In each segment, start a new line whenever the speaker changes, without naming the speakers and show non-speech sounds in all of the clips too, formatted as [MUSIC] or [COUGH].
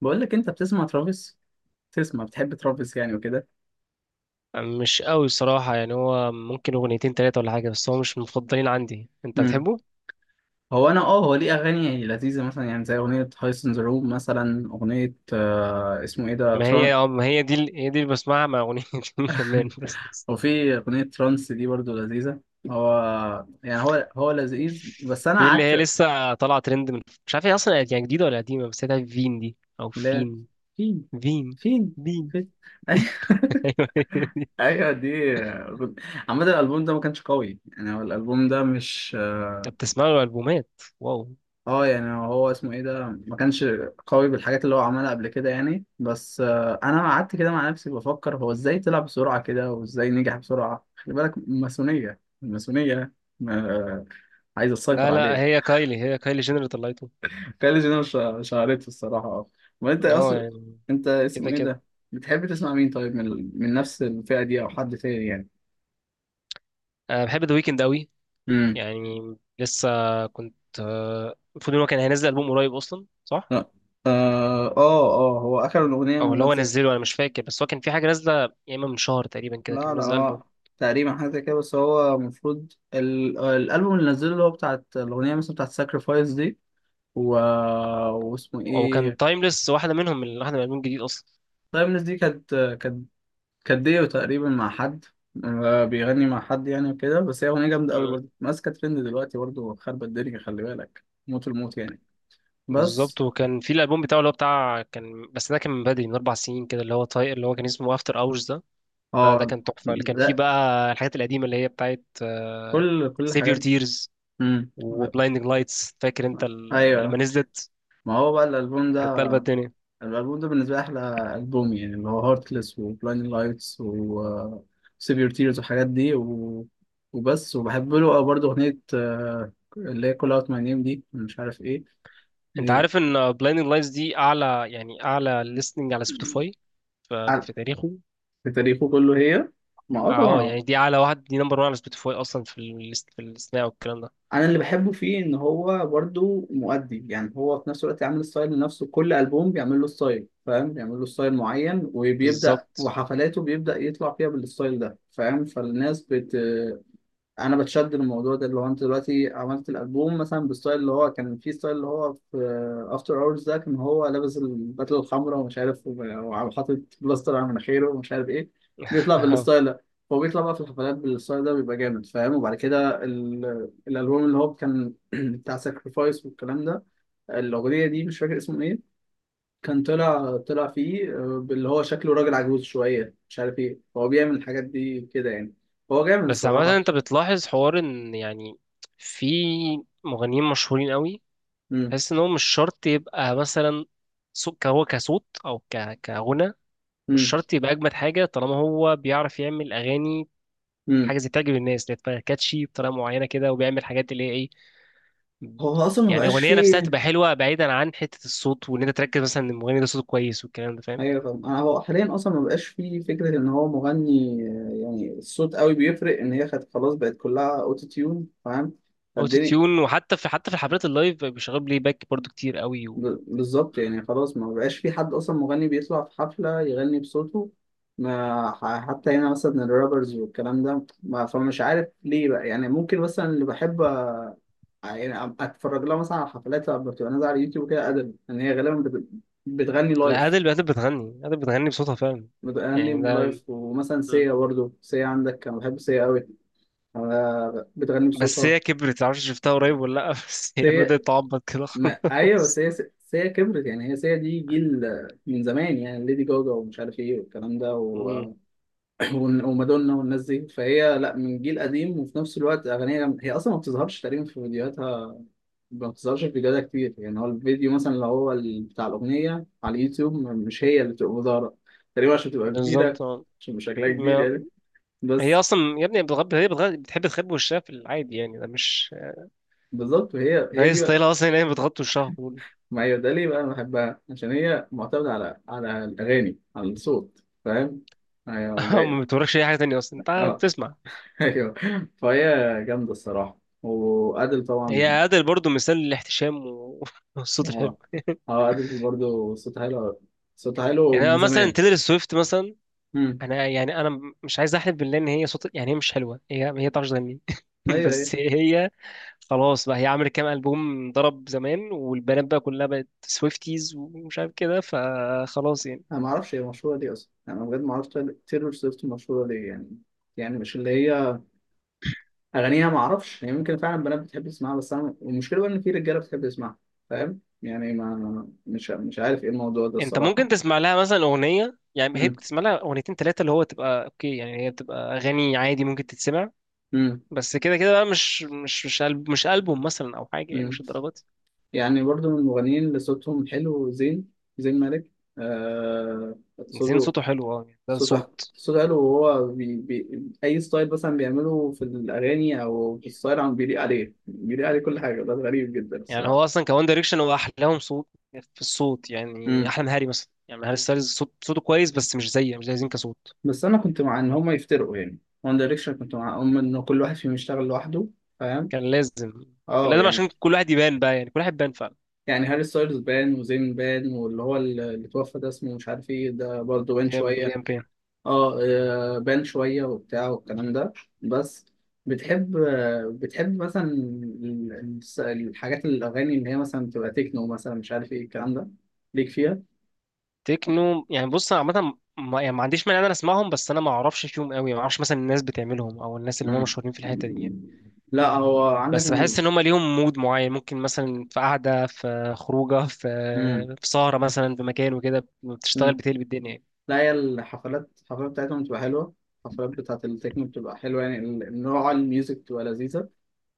بقول لك انت بتسمع ترافيس، تسمع بتحب ترافيس يعني وكده.
مش قوي الصراحة، يعني هو ممكن أغنيتين تلاتة ولا حاجة، بس هو مش من المفضلين عندي. أنت
امم
بتحبه؟
هو، انا اه هو ليه اغاني لذيذه مثلا، يعني زي اغنيه هايس ان ذا روم، مثلا اغنيه اسمه ايه ده،
ما هي
تران.
اه ما هي دي ال- هي دي اللي بسمعها مع أغنيتين [LAUGHS] كمان بس.
وفي اغنيه ترانس دي برضو لذيذه. هو يعني هو لذيذ، بس انا
في اللي هي
قعدت.
لسه طالعة ترند من، مش عارف هي أصلا يعني جديدة ولا قديمة، بس هي فين دي أو
لا،
فين
فين،
فين
فين،
فين؟
فين.
[LAUGHS]
[LAUGHS]
أيوة.
ايوه دي. عامة الألبوم ده ما كانش قوي يعني، هو الألبوم ده مش
أنت بتسمع له ألبومات؟ واو.
اه يعني، هو اسمه ايه ده، ما كانش قوي بالحاجات اللي هو عملها قبل كده يعني. بس انا قعدت كده مع نفسي بفكر هو ازاي طلع بسرعة كده، وازاي نجح بسرعة. خلي بالك ماسونية، الماسونية آه، عايزة تسيطر
لا لا،
عليك.
هي كايلي جينر اللي طلعته.
[LAUGHS] كاليج، انا مش عارف الصراحة، اه. وانت
اه
اصلا،
يعني،
انت اسمه
كده
ايه
كده.
ده، بتحب تسمع مين طيب، من من نفس الفئة دي، او حد تاني يعني؟
أنا بحب ذا ويكند أوي،
امم،
يعني لسه كنت آه، المفروض ان هو كان هينزل ألبوم قريب اصلا، صح؟
اه، اه، هو اخر الاغنية
او اللي هو
منزل.
نزله انا مش فاكر، بس هو كان في حاجه نازله يا اما من شهر تقريبا كده كان
لا لا
منزل ألبوم،
اه، تقريبا حاجه زي كده. بس هو المفروض الالبوم اللي نزله، اللي هو بتاعت الاغنيه مثلا، بتاعت ساكرفايس دي. و... واسمه
او كان
ايه؟
تايمليس واحده منهم، من واحده من الألبوم الجديد اصلا.
طيب الناس دي كانت كانت ديو تقريبا مع حد، بيغني مع حد يعني وكده. بس هي اغنيه جامده قوي
مم.
برضه، ماسكه ترند دلوقتي برضه، خربت الدنيا، خلي بالك موت، الموت يعني.
بالظبط.
بس
وكان في الألبوم بتاعه اللي هو بتاع كان، بس ده كان من بدري، من أربع سنين كده، اللي هو طاي... اللي هو كان اسمه افتر اورز ده. ده
اه.
كان تحفه، اللي كان فيه
لا،
بقى الحاجات القديمه اللي هي بتاعت
كل
سيف
الحاجات
يور
دي.
تيرز
امم،
وبلايندنج لايتس، فاكر انت ال- لما
ايوه.
نزلت
ما هو بقى الالبوم
كانت
ده،
قلبة الدنيا.
الالبوم ده بالنسبه لي احلى البوم يعني، اللي هو هارتلess وبلايند لايتس و سيفير تيرز والحاجات دي وبس. وبحب له أوي برضه اغنيه اللي هي كول اوت ماي نيم دي، مش عارف ايه
انت
دي.
عارف ان بلايندنج لايتس دي اعلى يعني اعلى ليستنج على
[CLEARS THROAT]
سبوتيفاي ف-
عن-
في تاريخه؟
في تاريخه كله هي. ما اه
اه
طبعا.
يعني دي اعلى واحد، دي نمبر 1 على سبوتيفاي اصلا في الليست، في الاستماع والكلام ده.
انا اللي بحبه فيه ان هو برضه مؤدي. يعني هو في نفس الوقت عامل ستايل لنفسه، كل البوم بيعمل له ستايل فاهم، بيعمل له ستايل معين، وبيبدا
بالظبط.
وحفلاته بيبدا يطلع فيها بالستايل ده فاهم. فالناس انا بتشد الموضوع ده، اللي هو انت دلوقتي عملت الالبوم مثلا بستايل، اللي هو كان في ستايل، اللي هو في افتر اورز ده، كان هو لابس البدله الحمراء ومش عارف حاطط بلاستر على مناخيره ومش عارف ايه. بيطلع
[LAUGHS] اه.
بالستايل ده. هو بيطلع بقى في الحفلات بالستايل ده بيبقى جامد فاهم. وبعد كده الالبوم اللي هو كان [CLEARS THROAT] بتاع ساكرفايس والكلام ده، الاغنيه دي مش فاكر اسمه ايه، كان طلع فيه اللي هو شكله راجل عجوز شويه، مش عارف ايه، هو بيعمل الحاجات دي كده يعني. هو جامد
بس
الصراحه.
عامه انت بتلاحظ حوار ان يعني في مغنيين مشهورين قوي،
امم.
تحس ان هو مش شرط يبقى مثلا صوت، هو كصوت او ك... كغنى مش
امم.
شرط يبقى اجمد حاجه، طالما هو بيعرف يعمل اغاني
امم.
حاجه زي تعجب الناس، اللي هي تبقى كاتشي بطريقه معينه كده، وبيعمل حاجات اللي هي إيه،
هو اصلا ما
يعني
بقاش
الاغنيه نفسها
فيه.
تبقى حلوه بعيدا عن حته الصوت، وان انت تركز مثلا ان المغني ده صوته كويس والكلام ده، فاهم؟
ايوه فاهم. انا هو حاليا اصلا ما بقاش فيه فكره ان هو مغني يعني الصوت قوي بيفرق، ان هي خد خلاص بقت كلها اوتو تيون فاهم.
اوتو
فالدنيا
تيون. وحتى في الحفلات اللايف بقى بيشغلوا بلاي باك برضو كتير قوي و...
بالظبط
مم.
يعني. خلاص ما بقاش في حد اصلا مغني بيطلع في حفله يغني بصوته. ما ح- حتى هنا مثلا الرابرز والكلام ده، ما، فمش عارف ليه بقى يعني. ممكن مثلا اللي بحب يعني اتفرج لها مثلا على حفلات بتبقى نازله على اليوتيوب كده، ادب ان هي غالبا بتغني
لا،
لايف،
ادل، ادل بتغني بصوتها فعلا،
بتغني
يعني ده.
بلايف. ومثلا
مم.
سيا برضو، سيا عندك، انا بحب سيا قوي. انا بتغني
بس
بصوتها.
هي كبرت، معرفش شفتها قريب ولا لا، [LAUGHS] بس هي
سيا.
بدات تعبط كده
ما... ايوه. بس
خلاص.
هي سيا، سيا كبرت يعني، هي سيا دي جيل من زمان. يعني ليدي جوجا ومش عارف ايه والكلام ده
مم.
[CLEARS THROAT] ومادونا والناس دي، فهي لا من جيل قديم وفي نفس الوقت اغانيها جامدة. هي اصلا ما بتظهرش تقريبا في فيديوهاتها، ما بتظهرش في فيديوهاتها كتير. يعني هو الفيديو مثلا، اللي هو بتاع الاغنيه على اليوتيوب، مش هي اللي بتبقى ظاهره تقريبا، عشان تبقى كبيره،
بالظبط، اه.
عشان شكلها كبير
ما
يعني.
هي
بس
اصلا يا ابني بتغب... هي بتغ... بتحب تخبي وشها في العادي، يعني ده مش،
بالظبط. وهي
ده
هي
هي
دي بقى،
ستايلها اصلا ان هي بتغطي وشها كله.
ما هي ده ليه بقى انا بحبها، عشان هي معتمده على على الاغاني، على الصوت، فاهم؟ ايوه
[LAUGHS] ما
باين.
بتوريكش اي حاجه تانية اصلا، انت
اه. [LAUGHS]
بتسمع.
ايوه. فهي جامده الصراحه، وادل
هي
طبعا.
عادل برضو مثال للاحتشام و- [LAUGHS] والصوت الحلو.
اه. اه، ادل برضه صوتها حلو، صوتها حلو
يعني انا
من
مثلا
زمان.
تيلر سويفت مثلا،
امم،
انا يعني انا مش عايز احلف بالله ان هي صوت، يعني هي مش حلوه، هي ما بتعرفش تغني. [LAUGHS]
ايوه، ايوه.
بس هي خلاص بقى، هي عملت كام البوم ضرب زمان والبنات بقى كلها بقت سويفتيز ومش عارف كده، فخلاص يعني.
انا ما اعرفش هي مشهوره ليه اصلا، يعني انا بجد ما اعرفش تايلور سويفت مشهوره ليه يعني. يعني مش اللي هي اغانيها، ما اعرفش يعني. ممكن فعلا بنات بتحب تسمعها، بس انا المشكله بقى ان في رجاله بتحب تسمعها فاهم. يعني ما مش عارف ايه الموضوع ده
انت
الصراحه.
ممكن تسمع لها مثلا اغنيه، يعني هي
امم.
بتسمع لها اغنيتين ثلاثه اللي هو تبقى اوكي، يعني هي بتبقى اغاني عادي ممكن تتسمع،
امم.
بس كده كده بقى مش ألب- مش البوم مثلا او حاجه، يعني مش
امم.
الدرجات.
يعني برضو من المغنيين اللي صوتهم حلو زين، زين مالك. آه
زين
صوته،
صوته حلو، اه يعني ده
صوته
صوت.
صوته حلو. وهو بي اي ستايل مثلا بيعمله في الاغاني، او في الستايل عم بيليق عليه، بيليق عليه كل حاجه. ده غريب جدا
يعني
الصراحه.
هو اصلا كوان دايركشن هو احلاهم صوت، في الصوت يعني احلى من هاري مثلا، يعني هاري ستايلز صوت صوته كويس بس مش زي مش زي زين كصوت.
بس انا كنت مع ان هما يفترقوا يعني، وان دايركشن كنت معاهم ان كل واحد فيهم يشتغل لوحده فاهم.
كان لازم، كان
اه
لازم
يعني،
عشان كل واحد يبان بقى، يعني كل واحد يبان فعلا.
يعني هاري ستايلز بان، وزين بان، واللي هو اللي توفى ده اسمه مش عارف ايه ده برضه بان
ليام،
شويه.
ليام بيان.
اه بان شويه وبتاع والكلام ده. بس بتحب بتحب مثلا الحاجات، الاغاني اللي هي مثلا بتبقى تكنو مثلا، مش عارف ايه الكلام ده، ليك فيها؟
تكنو يعني، بص انا عامه ما يعني ما عنديش مانع ان انا اسمعهم، بس انا ما اعرفش فيهم قوي، ما اعرفش مثلا الناس بتعملهم او الناس اللي هم
مم.
مشهورين في الحته دي يعني.
لا هو عندك
بس
من.
بحس ان هم ليهم مود معين، ممكن مثلا في قعده، في خروجه، في
مم.
في سهره مثلا في مكان وكده بتشتغل
مم.
بتقلب الدنيا يعني.
لا، هي الحفلات، الحفلات بتاعتهم بتبقى حلوة. الحفلات بتاعت التكنو بتبقى حلوة يعني، نوع الميوزك بتبقى لذيذة.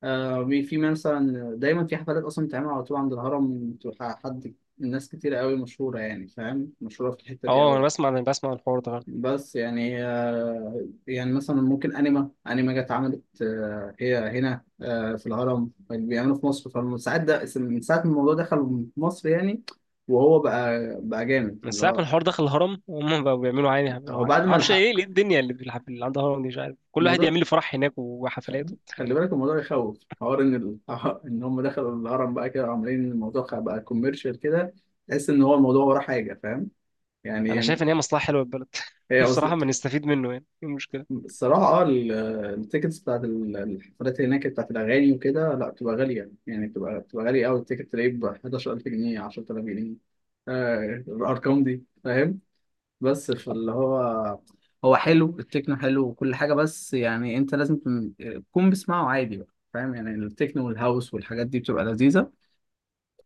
آه في مثلا دايما في حفلات أصلا بتتعمل على طول عند الهرم، بتبقى حد ناس كتيرة قوي مشهورة يعني فاهم، مشهورة في الحتة دي
اه،
قوي.
انا بسمع الحوار ده فعلا.
بس يعني يعني مثلا ممكن أنيما جت عملت هي هنا في الهرم بيعملوا في مصر. فمن ساعة ده، من ساعة ما الموضوع دخل مصر يعني، وهو بقى جامد
من
اللي
ساعة ما
هو.
الحوار دخل الهرم هم بقوا بيعملوا عادي، بيعملوا
هو
عادي،
بعد ما
معرفش ايه
الحق
ليه الدنيا، اللي في الحفل اللي عندها هرم دي مش عارف، كل واحد
الموضوع.
يعمل لي فرح هناك وحفلات وبتاع.
خلي بالك الموضوع يخوف. حوار ان [LAUGHS] ان هم دخلوا الهرم بقى كده، عاملين الموضوع بقى كوميرشال كده. تحس ان هو الموضوع وراه حاجه فاهم.
انا
يعني
شايف ان هي مصلحة حلوة للبلد. [LAUGHS]
هي
بصراحة، ما نستفيد منه، يعني ايه المشكلة؟
الصراحه اه التيكتس بتاعت الحفلات هناك بتاعت الاغاني وكده، لا بتبقى غاليه يعني، بتبقى غاليه قوي. التيكت تلاقيه ب 11,000 جنيه، 10,000 جنيه، الارقام دي فاهم. بس فاللي هو هو حلو التكنو، حلو وكل حاجة. بس يعني انت لازم تكون، تكون بتسمعه عادي بقى فاهم. يعني التكنو والهاوس والحاجات دي بتبقى لذيذة،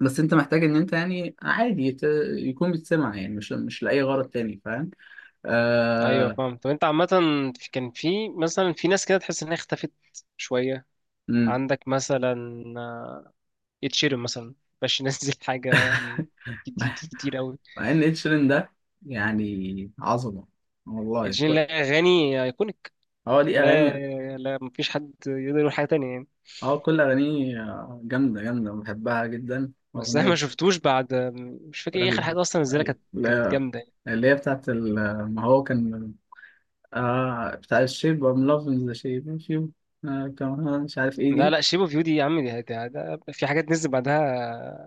بس انت محتاج ان انت يعني عادي يكون بتسمع يعني، مش لأي غرض تاني فاهم.
ايوه
آه...
فاهم. طب انت عامة كان في مثلا في ناس كده تحس انها اختفت شوية.
مم.
عندك مثلا اتشيرم مثلا، باش ينزل [LAUGHS] حاجة من كتير كتير قوي.
مع ان اتشيرين ده يعني عظمة والله.
اتشيرم لا، اغاني ايكونيك،
هو ليه
لا
اغاني.
لا، مفيش حد يقدر يقول حاجة تانية يعني.
اه كل اغانيه جامدة، جامدة بحبها جدا.
بس احنا ما
اغنية
شفتوش بعد، مش فاكر ايه اخر
ال-
حاجه اصلا نزلها، كانت كانت
ال-
جامده يعني.
اللي هي بتاعت ما هو كان بتاع الشيب، ام لافينج ذا شيب فيو كمان، مش عارف ايه
لا
دي.
لا، شيب اوف يو دي يا عم، دي دي- ده في حاجات نزل بعدها.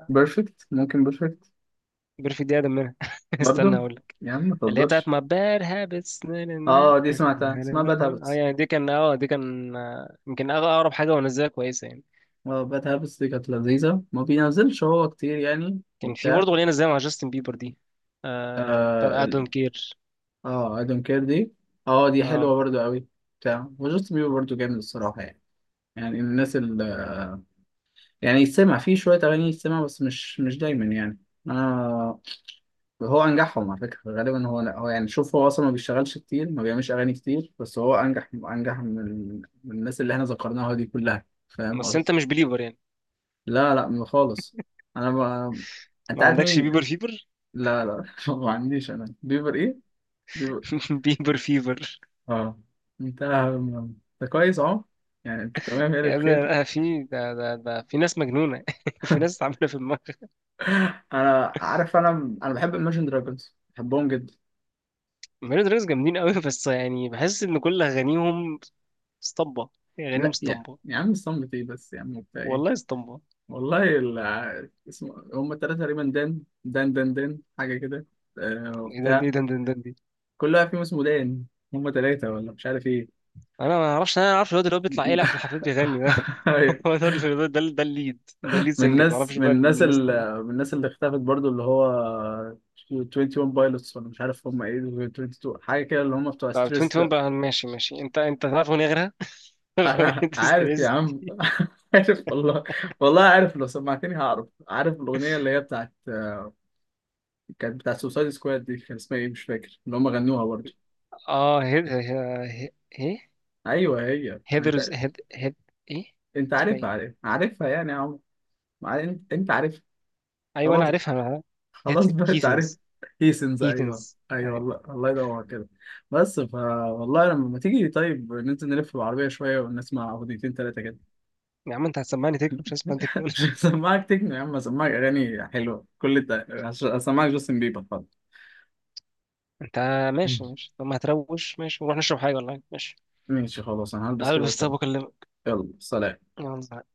بيرفكت، ممكن بيرفكت
بيرفكت؟ دي اقدم منها. [LAUGHS] استنى
برضو.
اقول لك.
يا عم ما
اللي هي بتاعت
تهزرش.
ما باد هابتس، اه.
اه دي سمعتها، اسمها باد هابتس.
يعني دي كان، اه دي كان آه، يمكن أغ- اقرب حاجه ونزلها كويسه يعني.
اه باد هابتس دي كانت لذيذة. ما بينزلش هو كتير يعني
كان في
وبتاع.
برضه اغنيه نزلها مع جاستن بيبر دي، آه
اه
بتاعت I don't care.
اه اي دونت كير دي، اه دي
اه.
حلوة برضو قوي. بتاع وجاست بيبر برضو جامد الصراحة يعني. يعني الناس ال، يعني يتسمع فيه شوية أغاني، يتسمع، بس مش مش دايما يعني. أنا، هو انجحهم على فكره غالبا، هو هو يعني. شوف هو اصلا ما بيشتغلش كتير، ما بيعملش اغاني كتير، بس هو انجح، انجح من من الناس اللي احنا ذكرناها دي كلها فاهم
بس انت
قصدي؟
مش بليبر يعني،
لا لا ما خالص. انا ما... انت
ما
عارف
عندكش
مين.
بيبر فيبر؟
لا لا [LAUGHS] ما عنديش انا بيبر ايه، بيبر.
[LAUGHS] بيبر فيبر.
اه انت، انت كويس اهو، يعني انت تمام يعني
يا ابني
بخير.
أنا،
[LAUGHS]
في ده في ناس مجنونة، [LAUGHS] في ناس عاملة في دماغها.
انا عارف، انا بحب Imagine Dragons، بحبهم جدا.
ميلو دراكس جامدين قوي، بس يعني بحس إن كل أغانيهم اسطمبة، يعني أغانيهم
لا يعني
اسطمبة.
يا عم صمت ايه بس يا عم وبتاع ايه.
والله اسطمبة.
والله اسمه هم التلاتة تقريبا دان، دان دان دان، حاجة كده. آه
إيه ده
وبتاع.
إيه ده إيه ده إيه ده دي.
كل واحد فيهم اسمه دان، هم تلاتة ولا مش عارف ايه.
أنا ما أعرفش، أنا أعرفش الواد اللي هو بيطلع
[LAUGHS]
يلعب في الحفلات بيغني ده.
أيوة.
[LAUGHS] هو ده اللي- ده الليد، ده الليد
من
سنجر، ما
الناس
أعرفش
من
بقى من
الناس
الناس التانية.
اللي من الناس اللي اختفت برضو، اللي هو 21 بايلوتس، ولا مش عارف هم ايه دول، 22 حاجة كده، اللي هم بتوع
طب
ستريس
21
ده.
بقى، ماشي ماشي، أنت تعرف أغنية غيرها؟
[LAUGHS]
[LAUGHS]
انا
أنت
عارف يا
ستريس.
عم. [LAUGHS] عارف والله، والله عارف. لو سمعتني هعرف، عارف الأغنية اللي هي بتاعت، كانت بتاعت سوسايد سكواد دي، كان اسمها ايه مش فاكر، اللي هم غنوها برضو.
آه هيد، هي- هي- إيه،
ايوه هي، ما انت
هيدرز، هيد هيد، إيه
انت
اسمها
عارفها،
إيه؟
عارف عارفها يعني يا عمر. ما انت انت عارف.
ايوه انا
خلاص،
عارفها انا.
خلاص بقى انت عارف.
هيثنز.
هيسنز، ايوه،
هيثنز
ايوه
يعني.
والله. الله يدور كده. بس فا والله لما تيجي طيب، ننزل نلف بالعربيه شويه، ونسمع اغنيتين ثلاثه كده.
يا عم انت هتسمعني تكنو، مش هسمع تكنو.
[LAUGHS] عشان
[LAUGHS]
اسمعك تكنو يا عم، اسمعك اغاني حلوه، كل ده عشان اسمعك جاستن بيبر خلاص.
انت ماشي ماشي، طب ما هتروش، ماشي ونروح نشرب حاجه، والله ماشي.
ماشي خلاص، انا هلبس كده
هلبس، طب
واتكلم.
واكلمك.
يلا سلام.
يلا.